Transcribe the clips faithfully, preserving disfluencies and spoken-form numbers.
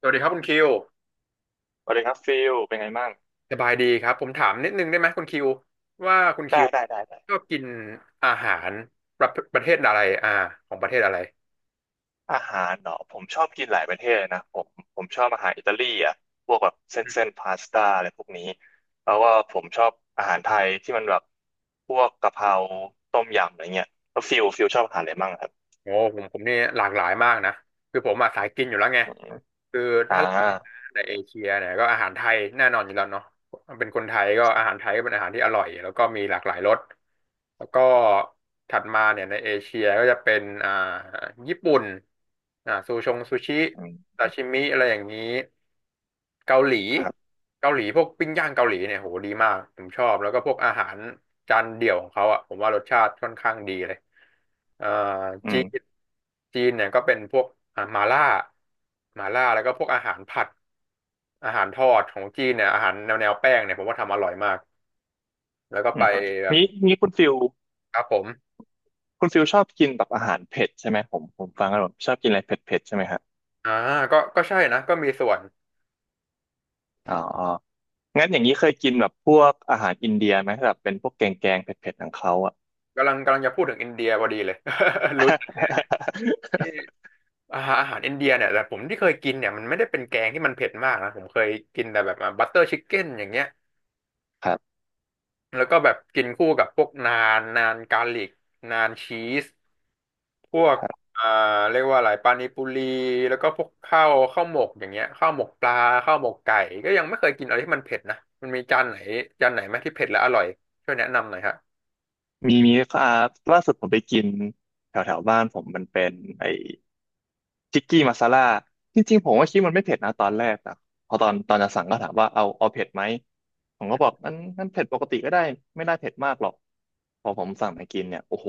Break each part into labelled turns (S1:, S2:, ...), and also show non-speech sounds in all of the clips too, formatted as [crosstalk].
S1: สวัสดีครับคุณคิว
S2: สวัสดีครับฟิลเป็นไงบ้าง
S1: สบายดีครับผมถามนิดนึงได้ไหมคุณคิวว่าคุณคิ
S2: ได้
S1: ว
S2: ได้ได้ได้
S1: ชอบกินอาหารประประเทศอะไรอ่าของประเทศอะไร
S2: อาหารเนาะผมชอบกินหลายประเทศเลยนะผมผมชอบอาหารอิตาลีอ่ะพวกแบบเส้น
S1: อื
S2: เส้
S1: ม
S2: นพาสต้าอะไรพวกนี้แล้วว่าผมชอบอาหารไทยที่มันแบบพวกกะเพราต้มยำอะไรเงี้ยแล้วฟิลฟิลชอบอาหารอะไรบ้างครับ
S1: โอ้ผมผมนี่หลากหลายมากนะคือผมมาสายกินอยู่แล้วไง
S2: อืม
S1: คือ
S2: อ่า
S1: ถ้าในเอเชียเนี่ยก็อาหารไทยแน่นอนอยู่แล้วเนาะ เป็นคนไทยก็อาหารไทยก็เป็นอาหารที่อร่อยแล้วก็มีหลากหลายรสแล้วก็ถัดมาเนี่ยในเอเชียก็จะเป็นอ่าญี่ปุ่นอ่าซูชงซูชิ
S2: อืม
S1: ซาชิมิอะไรอย่างนี้เกาหลี
S2: ครับ
S1: เกาหลีพวกปิ้งย่างเกาหลีเนี่ยโหดีมากผมชอบแล้วก็พวกอาหารจานเดี่ยวของเขาอ่ะผมว่ารสชาติค่อนข้างดีเลยเอ่อ
S2: อื
S1: จี
S2: ม
S1: นจีนเนี่ยก็เป็นพวกอ่ามาล่ามาล่าแล้วก็พวกอาหารผัด อาหารทอดของจีนเนี่ยอาหารแนวแนวแป้งเนี่ยผมว่าทำอร่อยมากแล้วก็
S2: อื
S1: ไป
S2: ม
S1: ครับ
S2: นี้นี้คุณฟิล
S1: แบบครับผม
S2: คุณฟิลชอบกินแบบอาหารเผ็ดใช่ไหมผมผมฟังแล้วผมชอบกินอะไรเผ็ดเผ็ดใช่ไหมฮะ
S1: อ่าก็ก็ใช่นะก็มีส่วน
S2: อ๋อ งั้นอย่างนี้เคยกินแบบพวกอาหารอินเดียไหมแบบเป็นพวกแกงแกงเผ็ดๆของเขาอ่ะ
S1: กำลังกำลังจะพูดถึงอินเดียพอดีเลย [laughs] รู้จักที่อาหารอาหารอินเดียเนี่ยแต่ผมที่เคยกินเนี่ยมันไม่ได้เป็นแกงที่มันเผ็ดมากนะผมเคยกินแต่แบบบัตเตอร์ชิคเก้นอย่างเงี้ย
S2: [laughs] ครับ
S1: แล้วก็แบบกินคู่กับพวกนานนานกาลิกนานชีสพวก
S2: ครับ
S1: อ่าเรียกว่าอะไรปานิปุรีแล้วก็พวกข้าวข้าวหมกอย่างเงี้ยข้าวหมกปลาข้าวหมกไก่ก็ยังไม่เคยกินอะไรที่มันเผ็ดนะมันมีจานไหนจานไหนไหมที่เผ็ดและอร่อยช่วยแนะนำหน่อยฮะ
S2: มีมีอ่าล่าสุดผมไปกินแถวแถวบ้านผมมันเป็นไอ ทิกกี้มาซาล่าจริงๆผมก็คิดมันไม่เผ็ดนะตอนแรกแต่พอตอนตอนจะสั่งก็ถามว่าเอาเอาเผ็ดไหมผมก็บอกนั้นนั้นเผ็ดปกติก็ได้ไม่ได้เผ็ดมากหรอก พอผมสั่งไปกินเนี่ยโอ้โห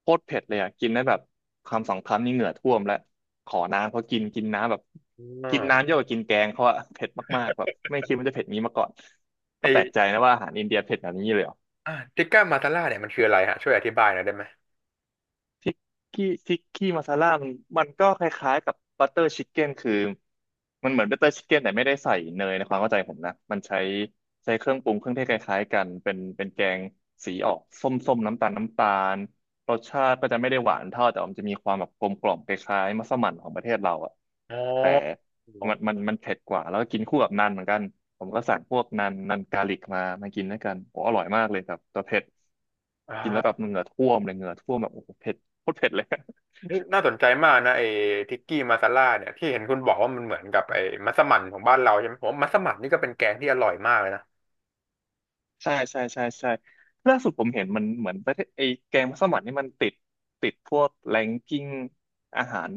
S2: โคตรเผ็ดเลยอ่ะกินได้แบบคำสองคำนี่เหงื่อท่วมแล้วขอน้ำเขากินกินน้ำแบบ
S1: อื
S2: กินน้ำ
S1: ม
S2: เยอะกว่ากินแกงเขาอะเผ็ดมากๆแบบไม่คิดมันจะเผ็ดนี้มาก่อนก็แปลก
S1: ไอ
S2: ใจนะว่าอาหารอินเดียเผ็ดแบบนี้เลยเหรอ
S1: อ่าทิกก้ามาตาล่าเนี่ยมันคืออะไรฮะช่วยอธิบายหน่อยได้ไหม
S2: ทิกกี้ทิกกี้มาซาล่ามันมันก็คล้ายๆกับบัตเตอร์ชิคเก้นคือมันเหมือนบัตเตอร์ชิคเก้นแต่ไม่ได้ใส่เนยในความเข้าใจผมนะมันใช้ใช้เครื่องปรุงเครื่องเทศคล้ายๆกันเป็นเป็นแกงสีออกส้มๆน้ำตาลน้ำตาลรสชาติก็จะไม่ได้หวานเท่าแต่มันจะมีความแบบกลมกล่อมคล้ายๆมัสมั่นของประเทศเราอะ
S1: อ๋อ
S2: แต่
S1: อ๋อ
S2: มันมันมันเผ็ดกว่าแล้วก็กินคู่กับนันเหมือนกันผมก็สั่งพวกนันนันกาลิกมามากินด้วยกันโอ้อร่อยมากเลยครับตัวเผ็ดกินแล้วแบ
S1: อ่า
S2: บเหงื่อท่วมเลยเหงื่อท่วมแบบโอ้โหเผ็ด โคตรเผ็ดเลย
S1: นี่น่าสนใจมากนะไอ้ทิกกี้มาซาล่าเนี่ยที่เห็นคุณบอกว่ามันเหมือนกับไอ้มัสมั่นของบ้านเราใช่ไหมผมว่ามัสมั่นนี่ก็เป็นแกงที่อร่อยมากเลยนะ
S2: [laughs] ใช่ใช่ใช่ใช่ล่าสุดผมเห็นมันเหมือนประเทศไอ้แกงมัสมั่นนี่มันติดติดพวกแรงกิ้งอาหาร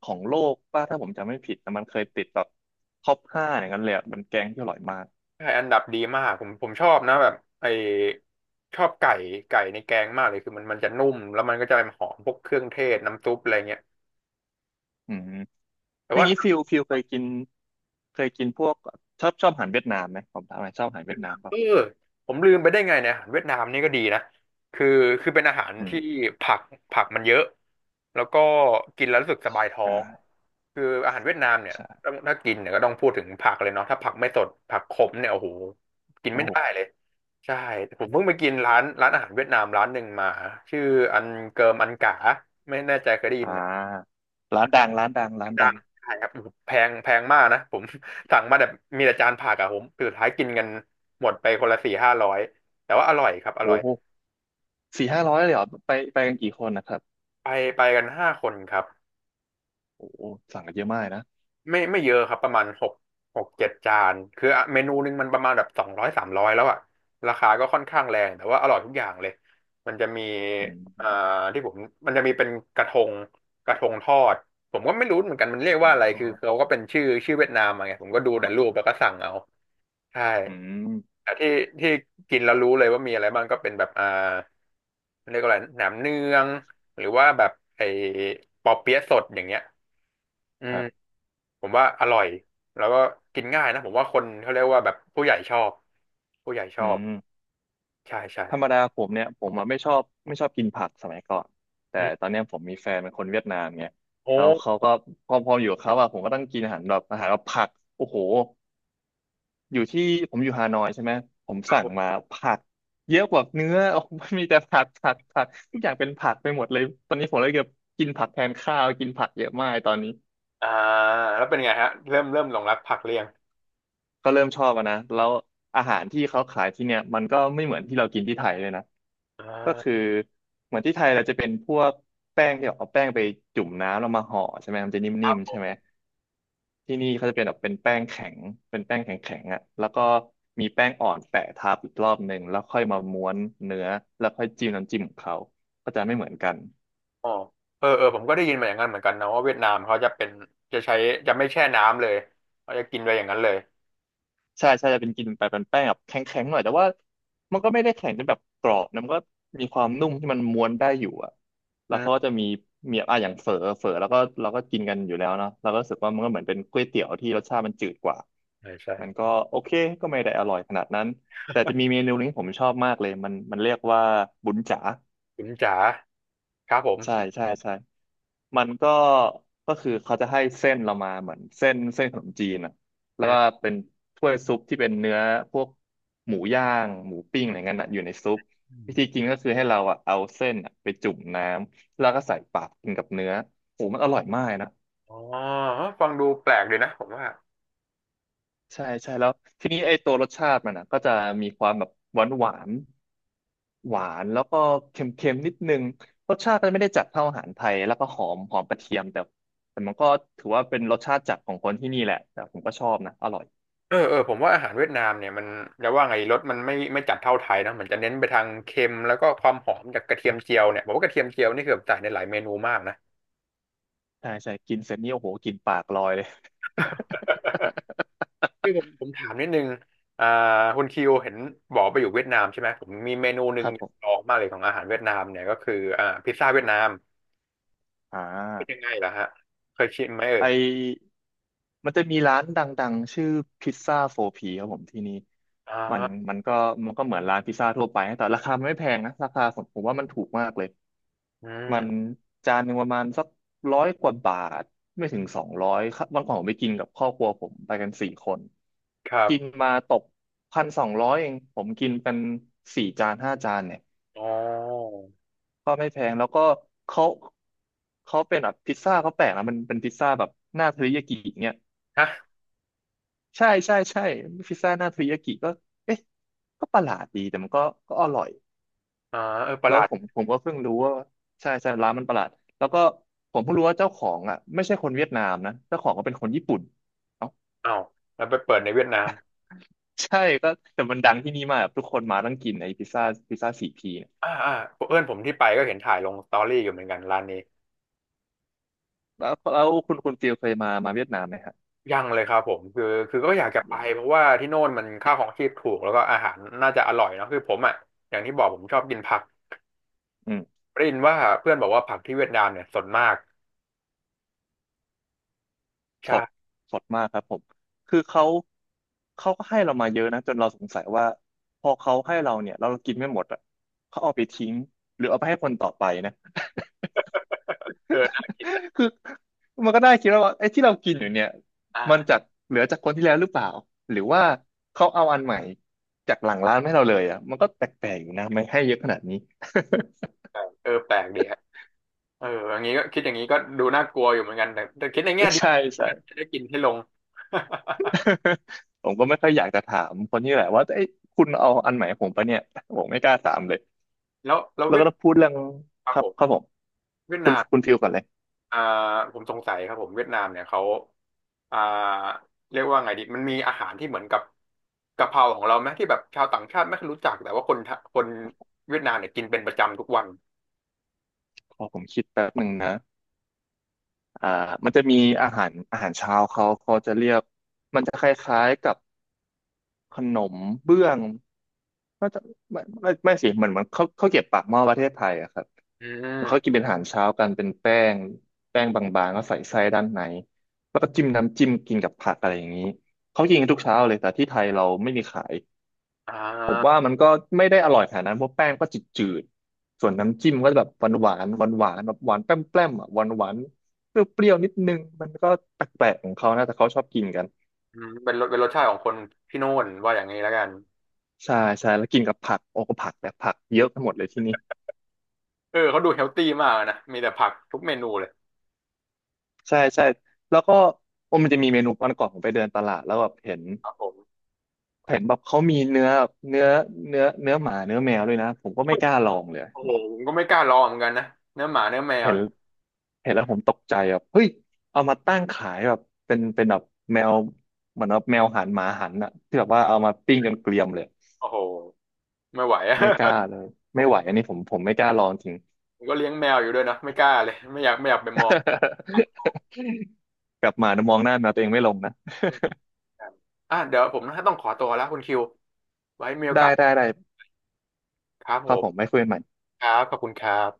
S2: ของโลกป่ะถ้าผมจำไม่ผิดแต่มันเคยติดแบบท็อปห้าอย่างนั้นเลยอะมันแกงที่อร่อยมาก
S1: ใช่อันดับดีมากผมผมชอบนะแบบไอ้ชอบไก่ไก่ในแกงมากเลยคือมันมันจะนุ่มแล้วมันก็จะหอมพวกเครื่องเทศน้ำซุปอะไรเงี้ย
S2: อืม
S1: แต่
S2: อย่าง
S1: ว่า
S2: นี้ฟิลฟิลเคยกินเคยกินพวกชอบชอบอาหารเวียดนามไหมผมถามหน่อยชอบอาหารเวียดนาม
S1: เอ
S2: ป่ะ
S1: อผมลืมไปได้ไงเนี่ยอาหารเวียดนามนี่ก็ดีนะคือคือเป็นอาหาร
S2: อืม
S1: ที่ผักผักมันเยอะแล้วก็กินแล้วรู้สึกสบายท้อ
S2: ใช่
S1: งคืออาหารเวียดนามเนี่ย
S2: ใช่
S1: ต้องถ้ากินเนี่ยก็ต้องพูดถึงผักเลยเนาะถ้าผักไม่สดผักขมเนี่ยโอ้โหกิน
S2: โอ้
S1: ไม่
S2: โห
S1: ได้เลยใช่ผมเพิ่งไปกินร้านร้านอาหารเวียดนามร้านหนึ่งมาชื่ออันเกิมอันกาไม่แน่ใจเคยได้ยิ
S2: อ่
S1: นไหม
S2: าร้านดังร้านดังร้าน
S1: ดั
S2: ดั
S1: ง
S2: ง
S1: ใช่ครับแพงแพงมากนะผม [laughs] สั่งมาแบบมีแต่จานผักอะผมสุดท้ายกินกันหมดไปคนละสี่ห้าร้อยแต่ว่าอร่อยครับอร่อ
S2: โอ้
S1: ย
S2: โหสี่ห้าร้อยเลยเหรอไปไปกันกี่คนนะครับ
S1: ไปไปกันห้าคนครับ
S2: โอ้โหสั่งกันเยอะมากนะ
S1: ไม่ไม่เยอะครับประมาณหกหกเจ็ดจานคือเมนูหนึงมันประมาณแบบสองร้อยสามร้อยแล้วอะราคาก็ค่อนข้างแรงแต่ว่าอร่อยทุกอย่างเลยมันจะมี
S2: อื
S1: อ่า
S2: ม
S1: ที่ผมมันจะมีเป็นกระทงกระทงทอดผมก็ไม่รู้เหมือนกันมันเรียก
S2: ขอ
S1: ว่า
S2: ง
S1: อะไร
S2: ท
S1: คื
S2: อ
S1: อ
S2: ด
S1: เขาก็เป็นชื่อชื่อเวียดนามอะไงผมก็ดูแต่รูปแล้วก็สั่งเอาใช่
S2: อืม
S1: ที่ที่กินแล้วรู้เลยว่ามีอะไรบ้างก็เป็นแบบอ่าเรียกว่าอะไรหนามเนืองหรือว่าแบบไอ้ปอเปี๊ยะสดอย่างเงี้ยอื
S2: ค
S1: ม
S2: รับ
S1: ผมว่าอร่อยแล้วก็กินง่ายนะผมว่าคนเขาเรียกว่าแบบผู้ใหญ่ชอบผู้ใหญ่ช
S2: อื
S1: อบ
S2: ม
S1: ใช่ใช่
S2: ธรรมดาผมเนี่ยผมอะไม่ชอบไม่ชอบกินผักสมัยก่อนแต่
S1: อื
S2: ต
S1: ม
S2: อนเนี้ยผมมีแฟนเป็นคนเวียดนามไง
S1: โอ
S2: แล้ว
S1: ้
S2: เขาก็พอพออยู่กับเขาอะผมก็ต้องกินอาหารแบบอาหารแบบผักโอ้โหอยู่ที่ผมอยู่ฮานอยใช่ไหมผม
S1: ครับ
S2: สั่
S1: ผ
S2: งมา
S1: ม
S2: ผักเยอะกว่าเนื้อ [laughs] โอ้โหมันมีแต่ผักผักผักทุกอย่างเป็นผักไปหมดเลยตอนนี้ผมเลยเกือบกินผักแทนข้าวกินผักเยอะมากตอนนี้
S1: อ่าแล้วเป็นไงฮะเริ่มเริ่มหลงรักผักเรียง
S2: ก็เริ่มชอบอะนะแล้วอาหารที่เขาขายที่เนี่ยมันก็ไม่เหมือนที่เรากินที่ไทยเลยนะ
S1: อ่
S2: ก็คือ
S1: า
S2: เหมือนที่ไทยเราจะเป็นพวกแป้งที่เอาแป้งไปจุ่มน้ำแล้วมาห่อใช่ไหมมันจะน
S1: ค
S2: ิ่
S1: รับ
S2: ม
S1: ผ
S2: ๆใช่ไหม
S1: ม
S2: ที่นี่เขาจะเป็นแบบเป็นแป้งแข็งเป็นแป้งแข็งๆอ่ะแล้วก็มีแป้งอ่อนแปะทับอีกรอบหนึ่งแล้วค่อยมาม้วนเนื้อแล้วค่อยจิ้มน้ำจิ้มของเขาก็จะไม่เหมือนกัน
S1: อ๋อเออเออผมก็ได้ยินมาอย่างนั้นเหมือนกันนะว่าเวียดนามเขาจะเป็นจะใช้จะไม่แช่น้ำเลยเขาจะกินไปอย่างนั้นเลย
S2: ใช่ใช่จะเป็นกินไปเป็นแป้งแบบแข็งๆหน่อยแต่ว่ามันก็ไม่ได้แข็งจนแบบกรอบนะมันก็มีความนุ่มที่มันม้วนได้อยู่อะแล้
S1: อื
S2: วเขาก็
S1: ม
S2: จะมีมีอ่ะอย่างเฝอเฝอแล้วก็เราก็กินกันอยู่แล้วเนาะเราก็รู้สึกว่ามันก็เหมือนเป็นก๋วยเตี๋ยวที่รสชาติมันจืดกว่า
S1: ใช่ใช่
S2: มันก็โอเคก็ไม่ได้อร่อยขนาดนั้นแต่จะมีเมนูหนึงที่ผมชอบมากเลยมันมันเรียกว่าบุญจ๋า
S1: คุณจ๋าครับผม
S2: ใช่ใช่ใช่ มันก็ก็คือเขาจะให้เส้นเรามาเหมือนเส้นเส้นขนมจีนอ่ะแล้
S1: อื
S2: วก็
S1: ม
S2: เป็นถ้วยซุปที่เป็นเนื้อพวกหมูย่างหมูปิ้งอะไรเงี้ยน่ะอยู่ในซุปวิธี
S1: อ
S2: กินก็คือให้เราอ่ะเอาเส้นอะไปจุ่มน้ำแล้วก็ใส่ปากกินกับเนื้อโอ้มันอร่อยมากนะ
S1: ๋อฟังดูแปลกดีนะผมว่า
S2: ใช่ใช่แล้วทีนี้ไอ้ตัวรสชาติมันอ่ะก็จะมีความแบบหวานหวานหวานแล้วก็เค็มเค็มนิดนึงรสชาติมันไม่ได้จัดเท่าอาหารไทยแล้วก็หอมหอมกระเทียมแต่แต่มันก็ถือว่าเป็นรสชาติจัดของคนที่นี่แหละแต่ผมก็ชอบนะอร่อย
S1: เออเออผมว่าอาหารเวียดนามเนี่ยมันจะว่าไงรสมันไม่ไม่จัดเท่าไทยนะมันจะเน้นไปทางเค็มแล้วก็ความหอมจากกระเทียมเจียวเนี่ยผมว่ากระเทียมเจียวนี่คือแบบใส่ในหลายเมนูมากนะ [laughs]
S2: ใช่ใช่กินเสร็จนี่โอ้โหกลินปากลอยเลย
S1: คือผมผมถามนิดนึงอ่าคุณคิวเห็นบอกไปอยู่เวียดนามใช่ไหมผมมีเมนูห
S2: [laughs] ค
S1: นึ่ง
S2: รับผ
S1: ล
S2: ม
S1: องมากเลยของอาหารเวียดนามเนี่ยก็คืออ่าพิซซ่าเวียดนาม
S2: อ่
S1: เป็นยัง
S2: า
S1: ไงล่ะฮะเคยชิมไหมเอ่
S2: ไอ
S1: ย
S2: มันจะมีร้านดังๆชื่อพิซซ่าโฟพีครับผมที่นี่
S1: อ่
S2: มัน
S1: า
S2: มันก็มันก็เหมือนร้านพิซซ่าทั่วไปนะแต่ราคามันไม่แพงนะราคาผมผมว่ามันถูกมากเลย
S1: อื
S2: มัน
S1: ม
S2: จานหนึ่งประมาณสักร้อยกว่าบาทไม่ถึงสองร้อยวันก่อนผมไปกินกับครอบครัวผมไปกันสี่คน
S1: ครับ
S2: กินมาตกพันสองร้อยเองผมกินเป็นสี่จานห้าจานเนี่ย
S1: อ๋อ
S2: ก็ไม่แพงแล้วก็เขาเขาเป็นแบบพิซซ่าเขาแปลกนะมันเป็นพิซซ่าแบบหน้าเทริยากิเนี่ย
S1: ฮะ
S2: ใช่ใช่ใช่พิซซ่าหน้าเทริยากิก็เอ๊ะก็ประหลาดดีแต่มันก็ก็อร่อย
S1: อ่าเออประ
S2: แล้
S1: หลา
S2: ว
S1: ด
S2: ผมผมก็เพิ่งรู้ว่าใช่ใช่ร้านมันประหลาดแล้วก็ผมเพิ่งรู้ว่าเจ้าของอ่ะไม่ใช่คนเวียดนามนะเจ้าของก็เป็นคนญี่ปุ่นเอ้า
S1: อ้าวแล้วไปเปิดในเวียดนาม
S2: ใช่ก็แต่มันดังที่นี่มากทุกคนมาต้องกินไอ้พิซซ่าพิซซ่าสี่พีเนี่ย
S1: อ่าอ่าเพื่อนผมที่ไปก็เห็นถ่ายลงสตอรี่อยู่เหมือนกันร้านนี้
S2: แล้วแล้วคุณคุณฟิลเคยมามาเวียดนามไหมฮะ
S1: ยังเลยครับผมคือคือก็อ
S2: อ๋
S1: ยา
S2: อ
S1: กจะไป
S2: อย่าง
S1: เพราะว่าที่โน่นมันค่าของชีพถูกแล้วก็อาหารน่าจะอร่อยเนอะคือผมอ่ะอย่างที่บอกผมชอบกินผัก
S2: อืม
S1: ได้ยินว่าเพื่อนบอกว่าผักที่เวียดนามเนี่ยสดมาก
S2: ส
S1: ใช่
S2: ดสดมากครับผมคือเขาเขาก็ให้เรามาเยอะนะจนเราสงสัยว่าพอเขาให้เราเนี่ยเรากินไม่หมดอ่ะเขาเอาไปทิ้งหรือเอาไปให้คนต่อไปนะ
S1: เออน่ากินนะ
S2: คือมันก็ได้คิดแล้วว่าไอ้ที่เรากินอยู่เนี่ย
S1: อ่า
S2: มันจากเหลือจากคนที่แล้วหรือเปล่าหรือว่าเขาเอาอันใหม่จากหลังร้านให้เราเลยอ่ะมันก็แปลกๆอยู่นะไม่ให้เยอะขนาดนี้
S1: เออแปลกดีฮะเอออย่างนี้ก็คิดอย่างนี้ก็ดูน่ากลัวอยู่เหมือนกันแต่แต่คิดในแง่
S2: [laughs]
S1: ดี
S2: ใช่ใช่
S1: จะได้กินให้ลง
S2: [laughs] ผมก็ไม่ค่อยอยากจะถามคนที่แหละว่าไอ้ยคุณเอาอันใหม่ให้ผมปะเนี่ยผมไม่กล้าถามเลย
S1: [laughs] แล้วแล้ว
S2: แล้ว
S1: เวียด
S2: ก็ต้องพูดเรื่อง
S1: ครั
S2: ค
S1: บ
S2: รั
S1: ผ
S2: บ
S1: ม
S2: ครับผม
S1: เวียด
S2: คุณ
S1: นาม
S2: คุณฟิลก่อนเลย
S1: อ่าผมสงสัยครับผมเวียดนามเนี่ยเขาอ่าเรียกว่าไงดีมันมีอาหารที่เหมือนกับกะเพราของเราไหมที่แบบชาวต่างชาติไม่ค่อยรู้จักแต่ว่าคนไทคนเวียดนามเนี่ยกินเป็นประจำทุกวัน
S2: ขอผมคิดแป๊บหนึ่งนะอ่ามันจะมีอาหารอาหารเช้าเขาเขาจะเรียกมันจะคล้ายๆกับขนมเบื้อง ก็จะไม่ไม่ไม่สิเหมือนมันเขาเขาวเก็ียบปากหม้อประเทศไทยอะครับ
S1: อื
S2: มันเขากิน
S1: ม
S2: เป็นอาหารเช้ากันเป็นแป้งแป้งบางๆก็ใส่ไส้ด้านในแล้วก็จิ้มน้ำจิ้มกินกับผักอะไรอย่างนี้เขากินกันทุกเช้าเลยแต่ที่ไทยเราไม่มีขาย
S1: อ่
S2: ผมว่า
S1: า
S2: มันก็ไม่ได้อร่อยขนาดนั้นเพราะแป้งก็จืดๆส่วนน้ำจิ้มก็แบบหวานหวานหวานหวานๆแบบหวานแป้มแป้มอะหวานหวานเปรี้ยวๆนิดนึงมันก็แปลกๆของเขานะแต่เขาชอบกินกัน
S1: อืมเป็นรสเป็นรสชาติของคนที่โน่นว่าอย่างนี้แล้วกัน
S2: ใช่ใช่แล้วกินกับผักโอ้ก็ผักแต่ผักเยอะไปหมดเลยที่นี่
S1: เออเขาดูเฮลตี้มากนะมีแต่ผักทุกเมนูเลย
S2: ใช่ใช่แล้วก็โอ้มันจะมีเมนูวันก่อนผมไปเดินตลาดแล้วแบบเห็น
S1: ครับผม
S2: เห็นแบบเขามีเนื้อเนื้อเนื้อเนื้อหมาเนื้อแมวด้วยนะผมก็ไม่กล้าลองเลย
S1: โอ้โหผมก็ไม่กล้าลองเหมือนกันนะเนื้อหมาเนื้อแมว
S2: เห็น
S1: เนี่ย
S2: เห็นแล้วผมตกใจแบบเฮ้ยเอามาตั้งขายแบบเป็นเป็นแบบแมวเหมือนแบบแมวหันหมาหันอะที่แบบว่าเอามาปิ้งจนเกรียมเลย
S1: โอ้โหไม่ไหวอะ
S2: ไม่กล้าเลย
S1: [laughs] ผ
S2: ไม่
S1: ม
S2: ไหวอันนี้ผมผมไม่กล้าลองจริง
S1: ผมก็เลี้ยงแมวอยู่ด้วยนะไม่กล้าเลยไม่อยากไม่อยากไปมอง
S2: [laughs] กลับมานะมองหน้าแมวตัวเองไม่ลงนะ
S1: ครับอ่ะเดี๋ยวผมต้องขอตัวแล้วคุณคิวไว้มีโอ
S2: ได้
S1: กาส
S2: ได้ได้
S1: ครับ
S2: ค
S1: ผ
S2: รับ
S1: ม
S2: ผมไม่คุยกันใหม่
S1: ครับขอบคุณครับ